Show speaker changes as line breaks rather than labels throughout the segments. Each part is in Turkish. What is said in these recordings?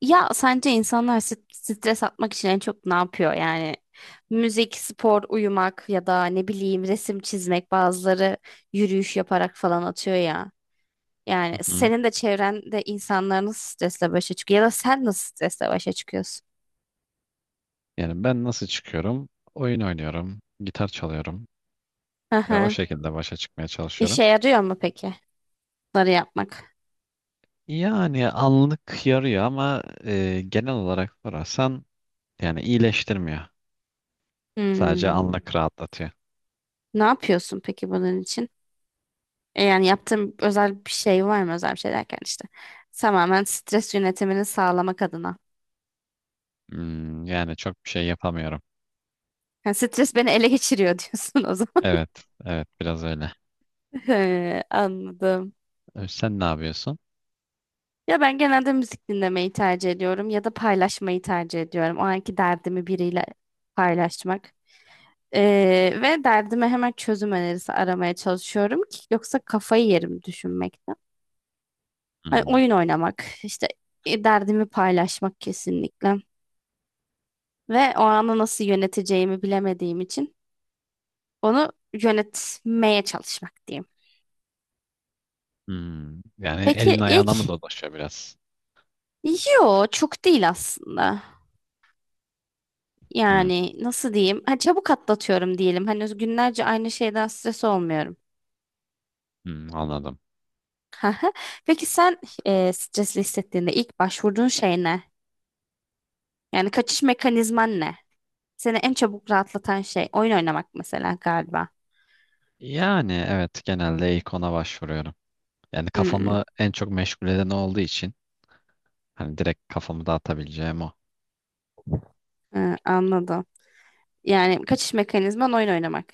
Ya sence insanlar stres atmak için en çok ne yapıyor? Yani müzik, spor, uyumak ya da ne bileyim resim çizmek bazıları yürüyüş yaparak falan atıyor ya.
Hı
Yani
hı.
senin de çevrende insanlar nasıl stresle başa çıkıyor ya da sen nasıl stresle başa çıkıyorsun?
Yani ben nasıl çıkıyorum? Oyun oynuyorum, gitar çalıyorum
Hı
ve o
hı.
şekilde başa çıkmaya çalışıyorum.
İşe yarıyor mu peki bunları yapmak?
Yani anlık yarıyor ama genel olarak sorarsan yani iyileştirmiyor. Sadece
Hmm.
anlık rahatlatıyor.
Ne yapıyorsun peki bunun için? Yani yaptığın özel bir şey var mı? Özel bir şey derken işte tamamen stres yönetimini sağlamak adına.
Hmm, yani çok bir şey yapamıyorum.
Yani stres beni ele geçiriyor diyorsun o zaman.
Evet, evet biraz öyle.
He, anladım.
Sen ne yapıyorsun?
Ya ben genelde müzik dinlemeyi tercih ediyorum ya da paylaşmayı tercih ediyorum. O anki derdimi biriyle paylaşmak. Ve derdime hemen çözüm önerisi aramaya çalışıyorum ki yoksa kafayı yerim düşünmekten. Hani
Hmm,
oyun oynamak, işte derdimi paylaşmak kesinlikle. Ve o anı nasıl yöneteceğimi bilemediğim için onu yönetmeye çalışmak diyeyim.
hmm. Yani
Peki
elin
ilk,
ayağına mı dolaşıyor biraz?
yo çok değil aslında.
Hmm,
Yani nasıl diyeyim? Ha, çabuk atlatıyorum diyelim. Hani günlerce aynı şeyden stres olmuyorum.
hmm, anladım.
Haha. Peki sen, stresli hissettiğinde ilk başvurduğun şey ne? Yani kaçış mekanizman ne? Seni en çabuk rahatlatan şey oyun oynamak mesela galiba.
Yani evet genelde ilk ona başvuruyorum. Yani
Hmm,
kafamı en çok meşgul eden o olduğu için. Hani direkt kafamı dağıtabileceğim o.
ha, anladım. Yani kaçış mekanizman oyun oynamak.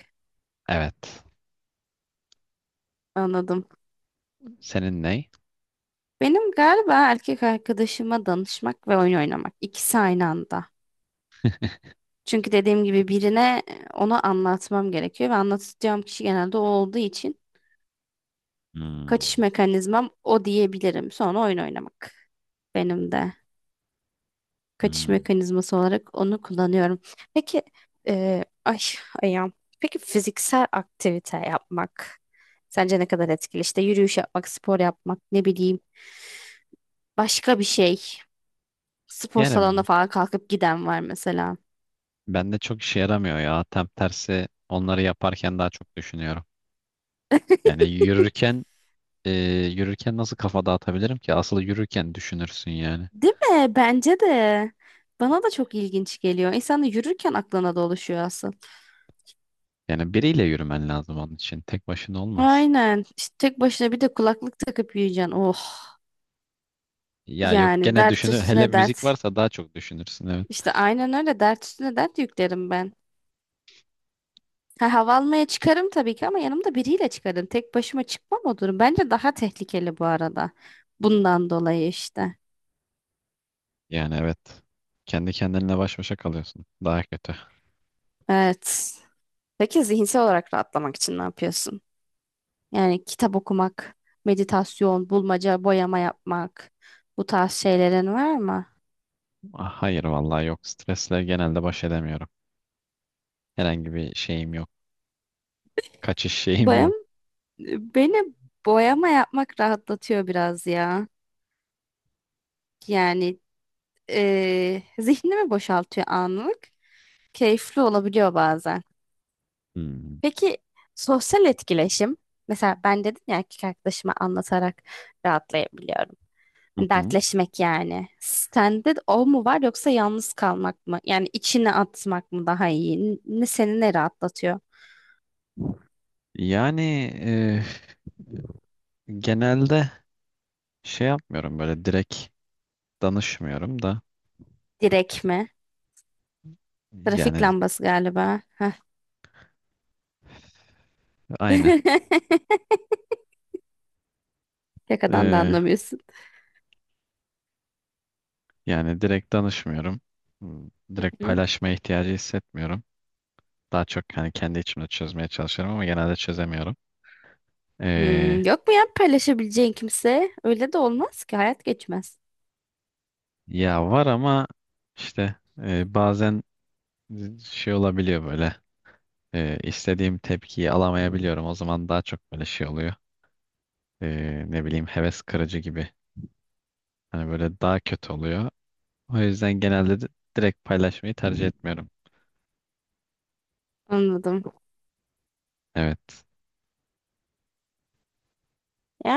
Evet.
Anladım.
Senin ne?
Benim galiba erkek arkadaşıma danışmak ve oyun oynamak. İkisi aynı anda. Çünkü dediğim gibi birine onu anlatmam gerekiyor ve anlatacağım kişi genelde o olduğu için kaçış
Hmm,
mekanizmam o diyebilirim. Sonra oyun oynamak benim de kaçış
hmm.
mekanizması olarak onu kullanıyorum. Peki e, ay ayağım. Peki fiziksel aktivite yapmak sence ne kadar etkili? İşte yürüyüş yapmak, spor yapmak, ne bileyim başka bir şey. Spor salonuna
Yani
falan kalkıp giden var mesela.
bende çok işe yaramıyor ya. Tam tersi onları yaparken daha çok düşünüyorum. Yani yürürken e, yürürken nasıl kafa dağıtabilirim ki? Asıl yürürken düşünürsün yani.
Değil mi? Bence de. Bana da çok ilginç geliyor. İnsan da yürürken aklına dolaşıyor aslında.
Yani biriyle yürümen lazım onun için. Tek başına olmaz.
Aynen. İşte tek başına bir de kulaklık takıp yürüyeceksin. Oh.
Ya yok
Yani
gene
dert
düşünür. Hele
üstüne
müzik
dert.
varsa daha çok düşünürsün evet.
İşte aynen öyle dert üstüne dert yüklerim ben. Ha, hava almaya çıkarım tabii ki ama yanımda biriyle çıkarım. Tek başıma çıkmam o durum. Bence daha tehlikeli bu arada. Bundan dolayı işte.
Yani evet. Kendi kendinle baş başa kalıyorsun. Daha kötü.
Evet. Peki zihinsel olarak rahatlamak için ne yapıyorsun? Yani kitap okumak, meditasyon, bulmaca, boyama yapmak bu tarz şeylerin var mı?
Ah, hayır vallahi yok. Stresle genelde baş edemiyorum. Herhangi bir şeyim yok. Kaçış şeyim
Bayım,
yok.
beni boyama yapmak rahatlatıyor biraz ya. Yani zihnimi boşaltıyor anlık. Keyifli olabiliyor bazen.
Hmm.
Peki sosyal etkileşim? Mesela ben dedim ya erkek arkadaşıma anlatarak rahatlayabiliyorum.
Hı hı.
Dertleşmek yani. Sende de o mu var yoksa yalnız kalmak mı? Yani içine atmak mı daha iyi? Ne seni ne rahatlatıyor?
Yani e, genelde şey yapmıyorum böyle direkt danışmıyorum da
Direk mi? Trafik
yani
lambası galiba. Heh.
aynen.
Şakadan da
E,
anlamıyorsun.
Yani direkt danışmıyorum. Hmm, direkt
Hı?
paylaşmaya ihtiyacı hissetmiyorum. Daha çok hani kendi içimde çözmeye çalışıyorum ama genelde çözemiyorum.
Hmm,
E,
yok mu ya paylaşabileceğin kimse? Öyle de olmaz ki hayat geçmez.
Ya var ama işte bazen şey olabiliyor böyle, istediğim tepkiyi alamayabiliyorum. O zaman daha çok böyle şey oluyor. e, Ne bileyim heves kırıcı gibi. Hani böyle daha kötü oluyor. O yüzden genelde de direkt paylaşmayı tercih etmiyorum.
Anladım.
Evet.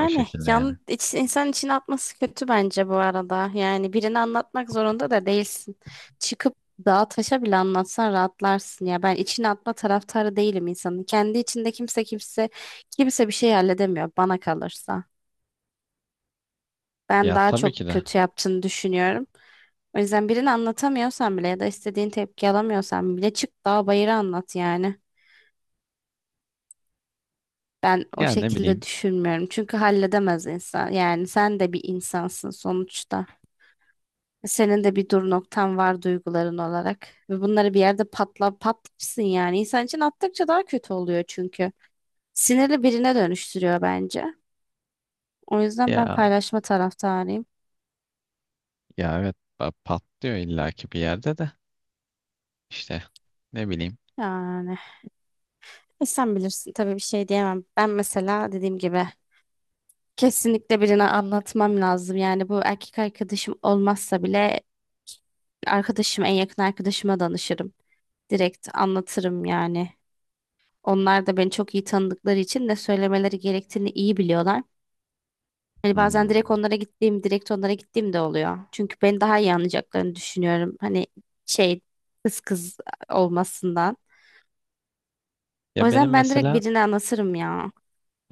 O şekilde yani.
insan içine atması kötü bence bu arada. Yani birini anlatmak zorunda da değilsin. Çıkıp dağa taşa bile anlatsan rahatlarsın ya. Ben içine atma taraftarı değilim insanın. Kendi içinde kimse bir şey halledemiyor bana kalırsa. Ben
Ya
daha
tabii ki
çok
de.
kötü yaptığını düşünüyorum. O yüzden birini anlatamıyorsan bile ya da istediğin tepki alamıyorsan bile çık dağa bayıra anlat yani. Ben o
Ya ne
şekilde
bileyim.
düşünmüyorum. Çünkü halledemez insan. Yani sen de bir insansın sonuçta. Senin de bir dur noktan var duyguların olarak. Ve bunları bir yerde patla patlarsın yani. İnsan için attıkça daha kötü oluyor çünkü. Sinirli birine dönüştürüyor bence. O yüzden ben
Ya
paylaşma taraftarıyım.
ya evet patlıyor illaki bir yerde de. İşte ne bileyim.
Yani sen bilirsin tabii bir şey diyemem. Ben mesela dediğim gibi kesinlikle birine anlatmam lazım. Yani bu erkek arkadaşım olmazsa bile en yakın arkadaşıma danışırım. Direkt anlatırım yani. Onlar da beni çok iyi tanıdıkları için ne söylemeleri gerektiğini iyi biliyorlar. Hani bazen
Hmm.
direkt onlara gittiğim de oluyor. Çünkü beni daha iyi anlayacaklarını düşünüyorum. Hani şey kız olmasından.
Ya
O
benim
yüzden ben direkt
mesela
birine anlatırım ya.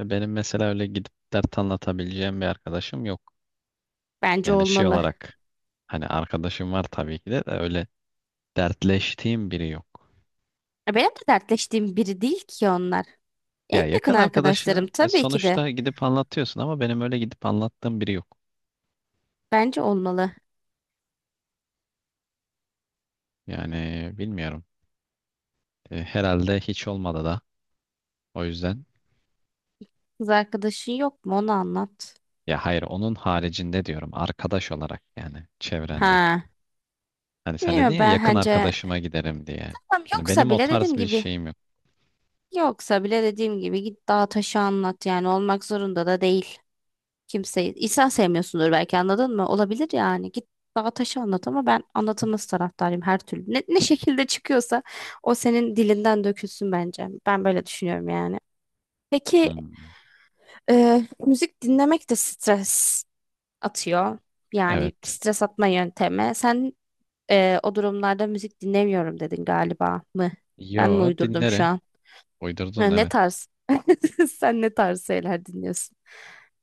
benim mesela öyle gidip dert anlatabileceğim bir arkadaşım yok.
Bence
Yani şey
olmalı.
olarak hani arkadaşım var tabii ki de, de öyle dertleştiğim biri yok.
Ya benim de dertleştiğim biri değil ki onlar. En
Ya
yakın
yakın
arkadaşlarım
arkadaşını
tabii ki de.
sonuçta gidip anlatıyorsun ama benim öyle gidip anlattığım biri yok.
Bence olmalı.
Yani bilmiyorum. Herhalde hiç olmadı da. O yüzden
Kız arkadaşın yok mu? Onu anlat.
ya hayır onun haricinde diyorum arkadaş olarak yani çevrende.
Ha.
Hani sen dedin
Bilmiyorum
ya
ben
yakın
bence,
arkadaşıma giderim diye.
tamam,
Hani
yoksa
benim o
bile
tarz
dediğim
bir
gibi,
şeyim yok.
yoksa bile dediğim gibi git dağa taşı anlat yani olmak zorunda da değil. Kimseyi insan sevmiyorsundur belki anladın mı? Olabilir yani git dağa taşı anlat ama ben anlatılması taraftarıyım her türlü. Ne şekilde çıkıyorsa o senin dilinden dökülsün bence. Ben böyle düşünüyorum yani. Peki
Hmm.
müzik dinlemek de stres atıyor. Yani
Evet.
stres atma yöntemi. Sen o durumlarda müzik dinlemiyorum dedin galiba mı? Ben mi
Yo
uydurdum şu
dinlerim.
an?
Uydurdun
Ha, ne
evet.
tarz? Sen ne tarz şeyler dinliyorsun?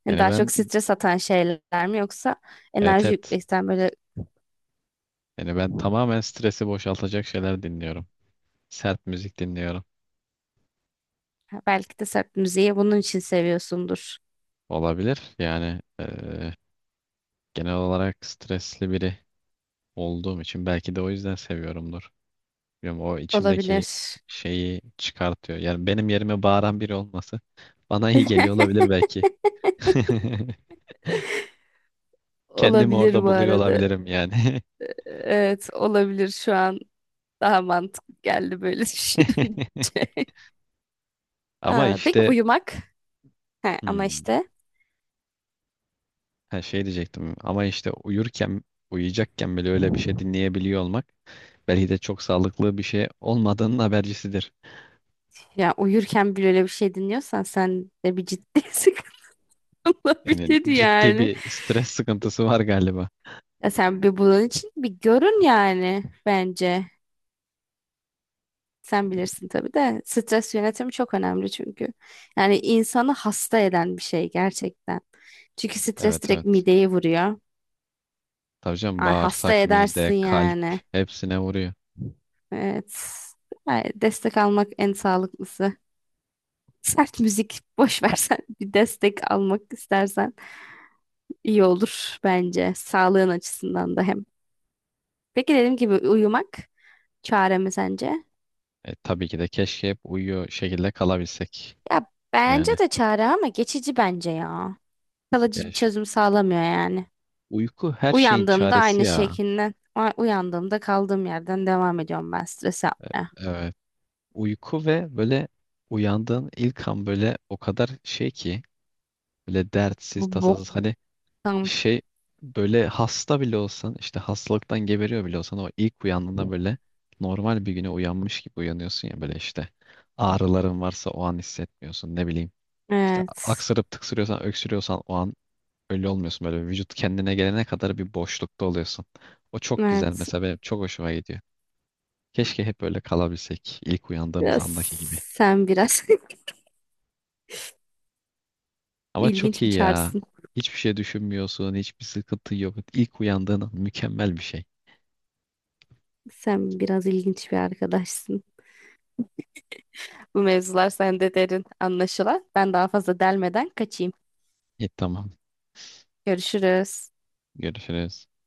Yani
Yani
daha
ben
çok stres atan şeyler mi yoksa
evet,
enerji
evet.
yükleyen böyle,
Yani ben tamamen stresi boşaltacak şeyler dinliyorum. Sert müzik dinliyorum.
ha, belki de sert müziği bunun için seviyorsundur.
Olabilir. Yani genel olarak stresli biri olduğum için belki de o yüzden seviyorumdur. Bilmiyorum, o içimdeki
Olabilir.
şeyi çıkartıyor. Yani benim yerime bağıran biri olması bana iyi geliyor olabilir belki. Kendimi
Olabilir
orada
bu
buluyor
arada.
olabilirim yani.
Evet, olabilir şu an daha mantıklı geldi böyle düşününce.
Ama
Ha, peki
işte
uyumak? He, ama
hmm,
işte
ha şey diyecektim. Ama işte uyurken, uyuyacakken bile öyle bir şey dinleyebiliyor olmak belki de çok sağlıklı bir şey olmadığının habercisidir.
ya uyurken bile öyle bir şey dinliyorsan sen de bir ciddi sıkıntı
Yani
olabilir
ciddi
yani.
bir stres sıkıntısı var galiba.
Ya sen bir bunun için bir görün yani bence. Sen bilirsin tabii de stres yönetimi çok önemli çünkü. Yani insanı hasta eden bir şey gerçekten. Çünkü stres
Evet,
direkt
evet.
mideyi vuruyor.
Tabii canım
Ay, hasta
bağırsak, mide,
edersin
kalp
yani.
hepsine vuruyor.
Evet. Ay, destek almak en sağlıklısı. Sert müzik boş versen bir destek almak istersen. İyi olur bence. Sağlığın açısından da hem. Peki dediğim gibi uyumak çare mi sence?
Tabii ki de keşke hep uyuyor şekilde kalabilsek.
Ya bence
Yani
de çare ama geçici bence ya. Kalıcı
ya
bir
ş-
çözüm sağlamıyor yani.
uyku her şeyin
Uyandığımda
çaresi
aynı
ya.
şekilde, uyandığımda kaldığım yerden devam ediyorum ben stres yapmaya.
Evet. Uyku ve böyle uyandığın ilk an böyle o kadar şey ki böyle dertsiz,
Bu
tasasız hani
boktan.
şey böyle hasta bile olsan işte hastalıktan geberiyor bile olsan o ilk uyandığında böyle normal bir güne uyanmış gibi uyanıyorsun ya böyle işte ağrıların varsa o an hissetmiyorsun ne bileyim. İşte
Evet.
aksırıp tıksırıyorsan, öksürüyorsan o an öyle olmuyorsun. Böyle vücut kendine gelene kadar bir boşlukta oluyorsun. O çok güzel
Evet.
mesela benim çok hoşuma gidiyor. Keşke hep böyle kalabilsek ilk uyandığımız
Biraz,
andaki gibi.
sen biraz
Ama çok
ilginç bir
iyi ya.
çarsın.
Hiçbir şey düşünmüyorsun, hiçbir sıkıntı yok. İlk uyandığın an mükemmel bir şey.
Sen biraz ilginç bir arkadaşsın. Bu mevzular sende derin anlaşılan. Ben daha fazla delmeden kaçayım.
İyi tamam.
Görüşürüz.
Görüşürüz.